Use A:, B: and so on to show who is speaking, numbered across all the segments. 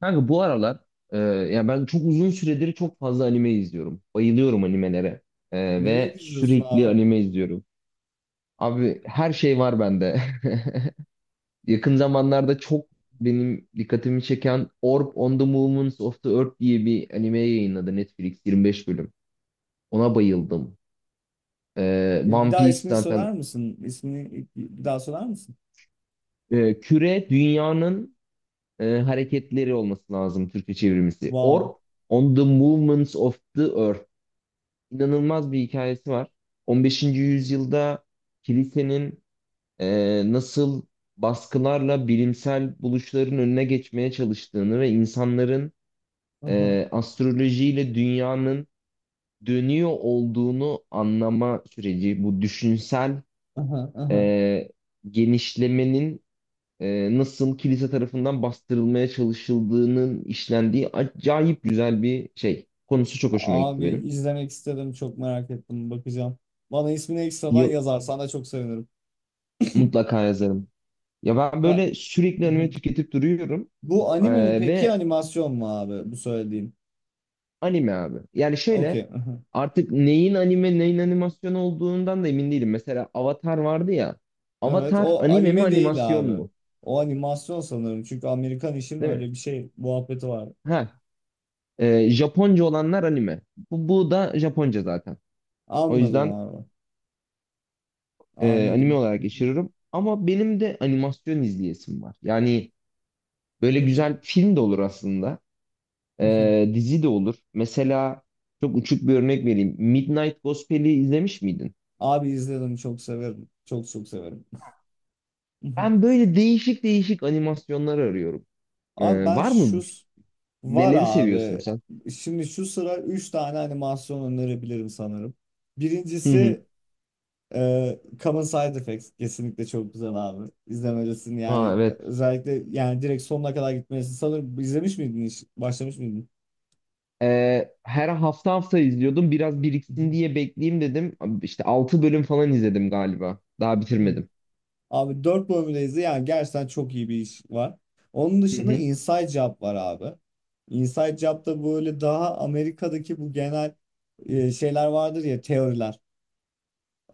A: Kanka bu aralar ya ben çok uzun süredir çok fazla anime izliyorum. Bayılıyorum animelere.
B: Neler
A: Ve
B: izliyorsun
A: sürekli
B: abi?
A: anime izliyorum. Abi her şey var bende. Yakın zamanlarda çok benim dikkatimi çeken Orb on the Movements of the Earth diye bir anime yayınladı Netflix 25 bölüm. Ona bayıldım.
B: Bir
A: One
B: daha
A: Piece
B: ismini söyler
A: zaten.
B: misin? İsmini bir daha söyler misin?
A: Küre dünyanın hareketleri olması lazım Türkçe çevirmesi. Orb
B: Wow.
A: on the Movements of the Earth. İnanılmaz bir hikayesi var. 15. yüzyılda kilisenin nasıl baskılarla bilimsel buluşların önüne geçmeye çalıştığını ve insanların
B: Aha,
A: astrolojiyle dünyanın dönüyor olduğunu anlama süreci, bu düşünsel
B: aha, aha.
A: e, genişlemenin nasıl kilise tarafından bastırılmaya çalışıldığının işlendiği acayip güzel bir şey. Konusu çok hoşuma gitti
B: Abi
A: benim.
B: izlemek istedim. Çok merak ettim. Bakacağım. Bana ismini ekstradan
A: Yo-
B: yazarsan da çok sevinirim.
A: Mutlaka yazarım. Ya ben
B: Ben...
A: böyle sürekli anime tüketip duruyorum.
B: Bu
A: Ee,
B: anime mi peki
A: Ve
B: animasyon mu abi? Bu söylediğin.
A: anime abi. Yani şöyle
B: Okey. aha.
A: artık neyin anime neyin animasyon olduğundan da emin değilim. Mesela Avatar vardı ya.
B: Evet
A: Avatar
B: o
A: anime mi
B: anime değil
A: animasyon
B: abi.
A: mu?
B: O animasyon sanırım. Çünkü Amerikan işin
A: Değil mi?
B: öyle bir şey muhabbeti var.
A: Ha, Japonca olanlar anime. Bu da Japonca zaten. O
B: Anladım
A: yüzden
B: abi.
A: anime
B: Anladım.
A: olarak geçiririm. Ama benim de animasyon izleyesim var. Yani böyle güzel film de olur aslında. Dizi de olur. Mesela çok uçuk bir örnek vereyim. Midnight Gospel'i izlemiş miydin?
B: Abi izledim çok severim. Çok çok severim.
A: Ben böyle değişik değişik animasyonlar arıyorum.
B: Abi ben
A: Var mı?
B: var
A: Neleri seviyorsun
B: abi.
A: sen?
B: Şimdi şu sıra 3 tane animasyon önerebilirim sanırım.
A: Hı hı.
B: Birincisi Common Side Effects. Kesinlikle çok güzel abi. İzlemelisin
A: Ha,
B: yani
A: evet.
B: özellikle yani direkt sonuna kadar gitmelisin. Sanırım izlemiş miydin hiç? Başlamış mıydın?
A: Her hafta izliyordum. Biraz
B: Hı
A: biriksin diye bekleyeyim dedim. İşte 6 bölüm falan izledim galiba. Daha
B: hı.
A: bitirmedim.
B: Abi 4 bölümdeyiz. Yani gerçekten çok iyi bir iş var. Onun
A: Hı
B: dışında
A: hı.
B: Inside Job var abi. Inside Job da böyle daha Amerika'daki bu genel şeyler vardır ya teoriler.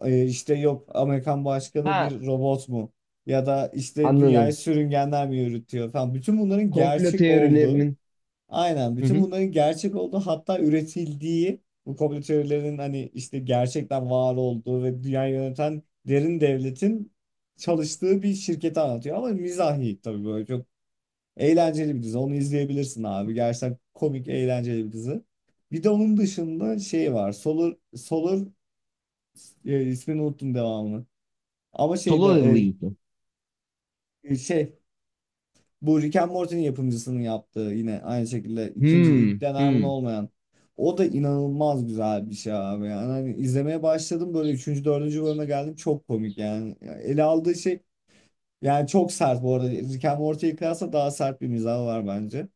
B: E, işte yok Amerikan başkanı
A: Ha,
B: bir robot mu? Ya da işte dünyayı
A: anladım.
B: sürüngenler mi yürütüyor falan. Bütün bunların
A: Komplo
B: gerçek olduğu.
A: teorilerinin.
B: Aynen.
A: Hı
B: Bütün
A: hı.
B: bunların gerçek olduğu hatta üretildiği bu komplo teorilerinin hani işte gerçekten var olduğu ve dünyayı yöneten derin devletin çalıştığı bir şirketi anlatıyor. Ama mizahi tabii böyle çok eğlenceli bir dizi. Onu izleyebilirsin abi. Gerçekten komik, eğlenceli bir dizi. Bir de onun dışında şey var. Solar, Solar ismini unuttum devamını. Ama şeyde
A: Solo Level'ı izledim.
B: e, şey bu Rick and Morty'nin yapımcısının yaptığı yine aynı şekilde ikinci ilk
A: Hmm,
B: deneyimin
A: hmm.
B: olmayan. O da inanılmaz güzel bir şey abi. Yani hani izlemeye başladım böyle üçüncü, dördüncü bölüme geldim. Çok komik yani. Yani ele aldığı şey yani çok sert bu arada. Rick and Morty'ye kıyasla daha sert bir mizahı var bence.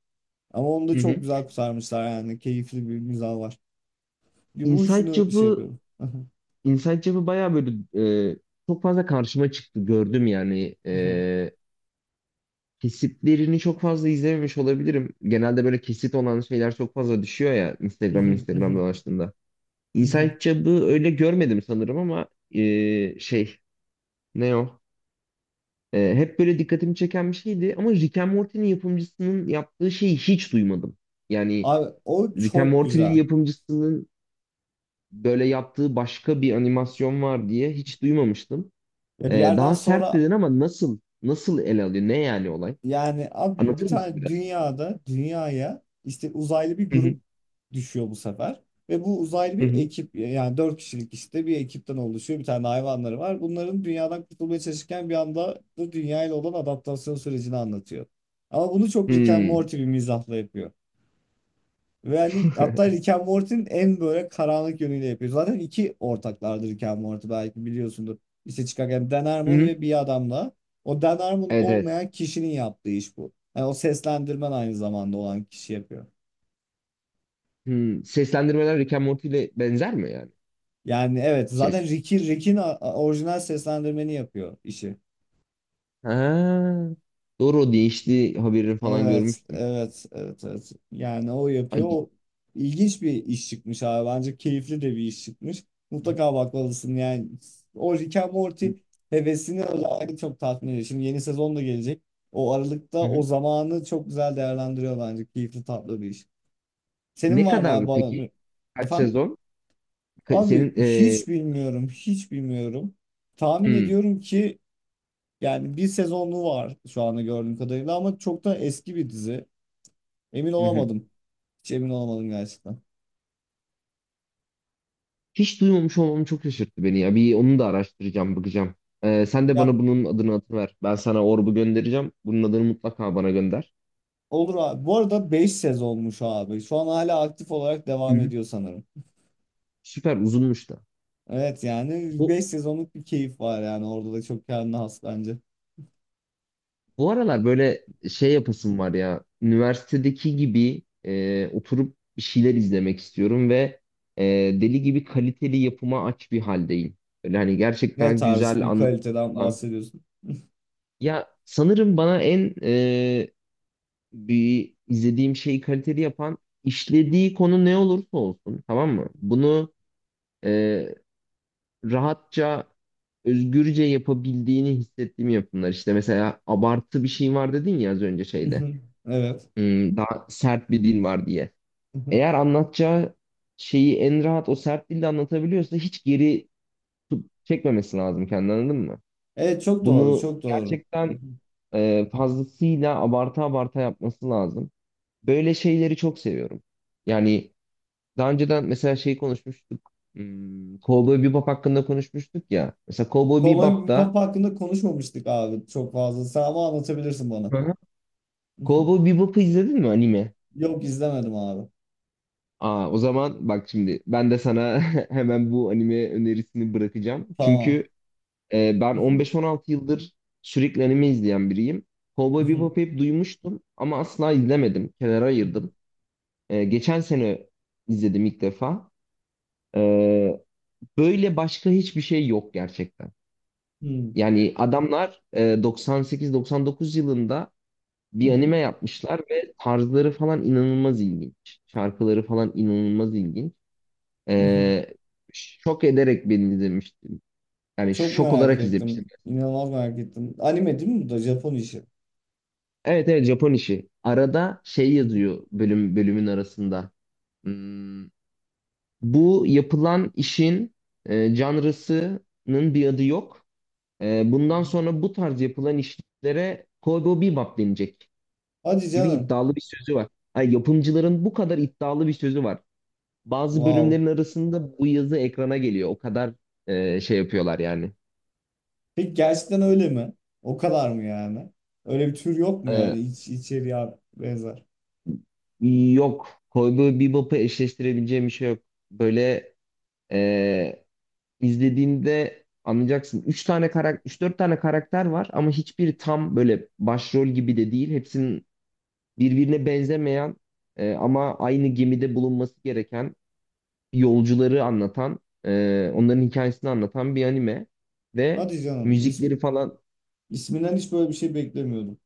B: Ama onu da
A: Hı
B: çok
A: hı.
B: güzel kurtarmışlar yani. Keyifli bir mizahı var. Bu
A: Inside
B: üçünü şey
A: Job'ı
B: yapıyorum.
A: Inside Job'ı bayağı böyle e, çok fazla karşıma çıktı, gördüm yani. Kesitlerini çok fazla izlememiş olabilirim. Genelde böyle kesit olan şeyler çok fazla düşüyor ya Instagram dolaştığında. Inside Job'ı öyle görmedim sanırım. Ama e, şey ne o? Hep böyle dikkatimi çeken bir şeydi, ama Rick and Morty'nin yapımcısının yaptığı şeyi hiç duymadım. Yani
B: Abi o
A: Rick and
B: çok
A: Morty'nin
B: güzel.
A: yapımcısının böyle yaptığı başka bir animasyon var diye hiç duymamıştım.
B: Ya bir yerden
A: Daha sert
B: sonra
A: dedin, ama nasıl ele alıyor? Ne yani olay?
B: yani abi bir
A: Anlatır mısın
B: tane
A: biraz?
B: dünyaya işte uzaylı bir
A: Hı hı
B: grup düşüyor bu sefer. Ve bu uzaylı
A: hı
B: bir
A: hı.
B: ekip yani dört kişilik işte bir ekipten oluşuyor. Bir tane hayvanları var. Bunların dünyadan kurtulmaya çalışırken bir anda da dünyayla olan adaptasyon sürecini anlatıyor. Ama bunu çok Rick and
A: Hmm.
B: Morty bir mizahla yapıyor. Ve hani hatta Rick and Morty'nin en böyle karanlık yönüyle yapıyor. Zaten iki ortaklardır Rick and Morty belki biliyorsundur. İşte çıkarken Dan
A: Hı
B: Harmon
A: hı.
B: ve bir adamla. O Dan Harmon
A: Evet evet.
B: olmayan kişinin yaptığı iş bu. Yani o seslendirmen aynı zamanda olan kişi yapıyor.
A: Hmm. Seslendirmeler Rick and Morty ile benzer mi yani?
B: Yani evet zaten
A: Ses.
B: Rick'in orijinal seslendirmeni yapıyor işi.
A: Ha. Doğru, o değişti haberini falan
B: Evet,
A: görmüştüm.
B: evet, evet, evet. Yani o yapıyor.
A: Ay.
B: O ilginç bir iş çıkmış abi. Bence keyifli de bir iş çıkmış. Mutlaka bakmalısın yani. O Rick and Morty hevesini özellikle çok tatmin ediyor. Şimdi yeni sezon da gelecek. O aralıkta
A: Hı
B: o
A: hı.
B: zamanı çok güzel değerlendiriyor bence. Keyifli tatlı bir iş. Senin
A: Ne
B: var mı abi
A: kadar peki?
B: bana?
A: Kaç
B: Efendim?
A: sezon?
B: Abi
A: Senin
B: hiç bilmiyorum, hiç bilmiyorum. Tahmin
A: hmm.
B: ediyorum ki yani bir sezonlu var şu anda gördüğüm kadarıyla ama çok da eski bir dizi. Emin
A: Hı hı.
B: olamadım. Hiç emin olamadım gerçekten.
A: Hiç duymamış olmam çok şaşırttı beni ya. Bir onu da araştıracağım, bakacağım. Sen de
B: Ya
A: bana bunun adını atıver. Ben sana orbu göndereceğim. Bunun adını mutlaka bana gönder.
B: olur abi. Bu arada 5 sezonmuş abi. Şu an hala aktif olarak devam
A: Hı.
B: ediyor sanırım.
A: Süper uzunmuş da.
B: Evet yani
A: Bu,
B: 5 sezonluk bir keyif var yani orada da çok kendine has bence.
A: bu aralar böyle şey yapasım var ya. Üniversitedeki gibi oturup bir şeyler izlemek istiyorum ve e, deli gibi kaliteli yapıma aç bir haldeyim. Böyle hani
B: Ne
A: gerçekten
B: tarz
A: güzel
B: bir
A: anlatım
B: kaliteden
A: olan.
B: bahsediyorsun?
A: Ya sanırım bana en bir izlediğim şeyi kaliteli yapan, işlediği konu ne olursa olsun, tamam mı? Bunu e, rahatça, özgürce yapabildiğini hissettiğim yapımlar. İşte mesela abartı bir şey var dedin ya az önce şeyde.
B: Evet.
A: Hmm, daha sert bir dil var diye. Eğer anlatacağı şeyi en rahat o sert dilde anlatabiliyorsa hiç geri çekmemesi lazım kendini, anladın mı?
B: Evet çok doğru
A: Bunu
B: çok doğru.
A: gerçekten fazlasıyla abarta abarta yapması lazım. Böyle şeyleri çok seviyorum. Yani daha önceden mesela şey konuşmuştuk. Hmm, Cowboy Bebop hakkında konuşmuştuk ya. Mesela Cowboy
B: Kolay bir
A: Bebop'ta.
B: Papa hakkında konuşmamıştık abi çok fazla. Sen ama anlatabilirsin bana.
A: Hı hı. Cowboy Bebop'u izledin mi, anime?
B: Yok izlemedim abi.
A: Aa, o zaman bak, şimdi ben de sana hemen bu anime önerisini bırakacağım.
B: Tamam.
A: Çünkü ben 15-16 yıldır sürekli anime izleyen biriyim. Cowboy Bebop'u hep duymuştum ama asla izlemedim. Kenara ayırdım. Geçen sene izledim ilk defa. E, Böyle başka hiçbir şey yok gerçekten. Yani adamlar 98-99 yılında bir anime yapmışlar ve tarzları falan inanılmaz ilginç. Şarkıları falan inanılmaz ilginç.
B: Hmm.
A: E, Şok ederek beni izlemiştim. Yani
B: Çok
A: şok
B: merak
A: olarak izlemiştim.
B: ettim. İnanılmaz merak ettim. Anime değil mi bu da? Japon işi.
A: Evet evet, Japon işi. Arada şey
B: Hı hı.
A: yazıyor bölümün arasında. Hmm, bu yapılan işin janrasının bir adı yok. Bundan sonra bu tarz yapılan işlere Cowboy Bebop denecek
B: Hadi
A: gibi
B: canım.
A: iddialı bir sözü var. Ay, yapımcıların bu kadar iddialı bir sözü var. Bazı
B: Wow.
A: bölümlerin arasında bu yazı ekrana geliyor. O kadar yapıyorlar yani.
B: Peki gerçekten öyle mi? O kadar mı yani? Öyle bir tür yok mu
A: Ee,
B: yani içeriye benzer?
A: Yok. Cowboy Bebop'u eşleştirebileceğim bir şey yok. Böyle e, izlediğinde anlayacaksın. 3-4 tane karakter var ama hiçbiri tam böyle başrol gibi de değil. Hepsinin birbirine benzemeyen, ama aynı gemide bulunması gereken yolcuları anlatan, onların hikayesini anlatan bir anime. Ve
B: Hadi canım.
A: müzikleri falan.
B: İsminden hiç böyle bir şey beklemiyordum.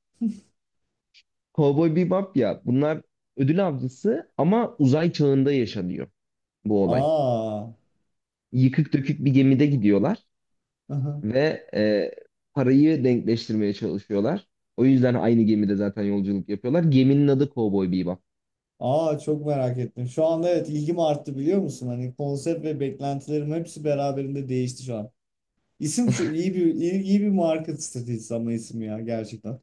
A: Cowboy Bebop, ya bunlar ödül avcısı ama uzay çağında yaşanıyor bu olay.
B: Aa.
A: Yıkık dökük bir gemide gidiyorlar
B: Aha.
A: ve parayı denkleştirmeye çalışıyorlar. O yüzden aynı gemide zaten yolculuk yapıyorlar. Geminin adı Cowboy Bebop.
B: Aa çok merak ettim. Şu anda evet ilgim arttı biliyor musun? Hani konsept ve beklentilerim hepsi beraberinde değişti şu an. İsim şu iyi, iyi bir marka stratejisi ama isim ya gerçekten.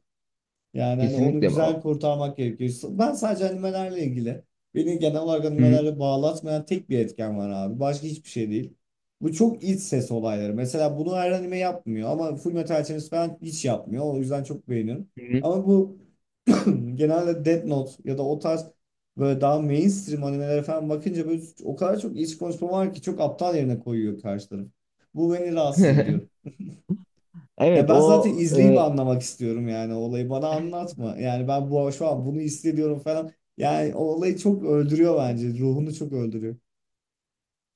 B: Yani hani onu
A: Kesinlikle. Hı
B: güzel kurtarmak gerekiyor. Ben sadece animelerle ilgili beni genel olarak
A: hı.
B: animelerle bağlatmayan tek bir etken var abi. Başka hiçbir şey değil. Bu çok iç ses olayları. Mesela bunu her anime yapmıyor ama Fullmetal Alchemist falan hiç yapmıyor. O yüzden çok beğeniyorum.
A: Hı hı.
B: Ama bu genelde Death Note ya da o tarz böyle daha mainstream animelere falan bakınca böyle o kadar çok iç konuşma var ki çok aptal yerine koyuyor karşı taraf. Bu beni rahatsız ediyor. Ya
A: Evet,
B: ben
A: o
B: zaten izleyip
A: e,
B: anlamak istiyorum yani olayı bana anlatma. Yani ben bu şu an bunu hissediyorum falan. Yani o olayı çok öldürüyor bence. Ruhunu çok öldürüyor.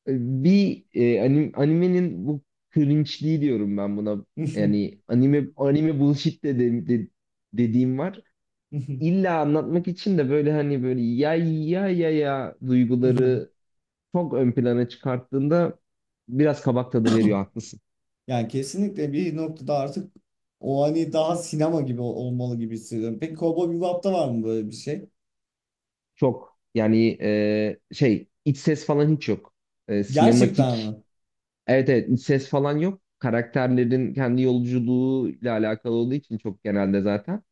A: bir animenin bu cringe'liği diyorum ben buna. Yani anime anime bullshit dediğim var. İlla anlatmak için de böyle hani böyle ya duyguları çok ön plana çıkarttığında biraz kabak tadı veriyor, haklısın.
B: Yani kesinlikle bir noktada artık o hani daha sinema gibi olmalı gibi hissediyorum. Peki Cowboy Bebop'ta var mı böyle bir şey?
A: Çok yani iç ses falan hiç yok.
B: Gerçekten
A: Sinematik,
B: mi?
A: evet evet, iç ses falan yok. Karakterlerin kendi yolculuğuyla alakalı olduğu için çok, genelde zaten.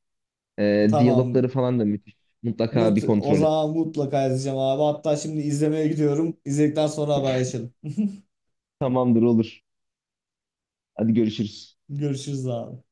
A: Diyalogları
B: Tamam.
A: falan da müthiş. Mutlaka bir
B: O
A: kontrol et.
B: zaman mutlaka izleyeceğim abi. Hatta şimdi izlemeye gidiyorum. İzledikten sonra haberleşelim.
A: Tamamdır, olur. Hadi görüşürüz.
B: Görüşürüz abi.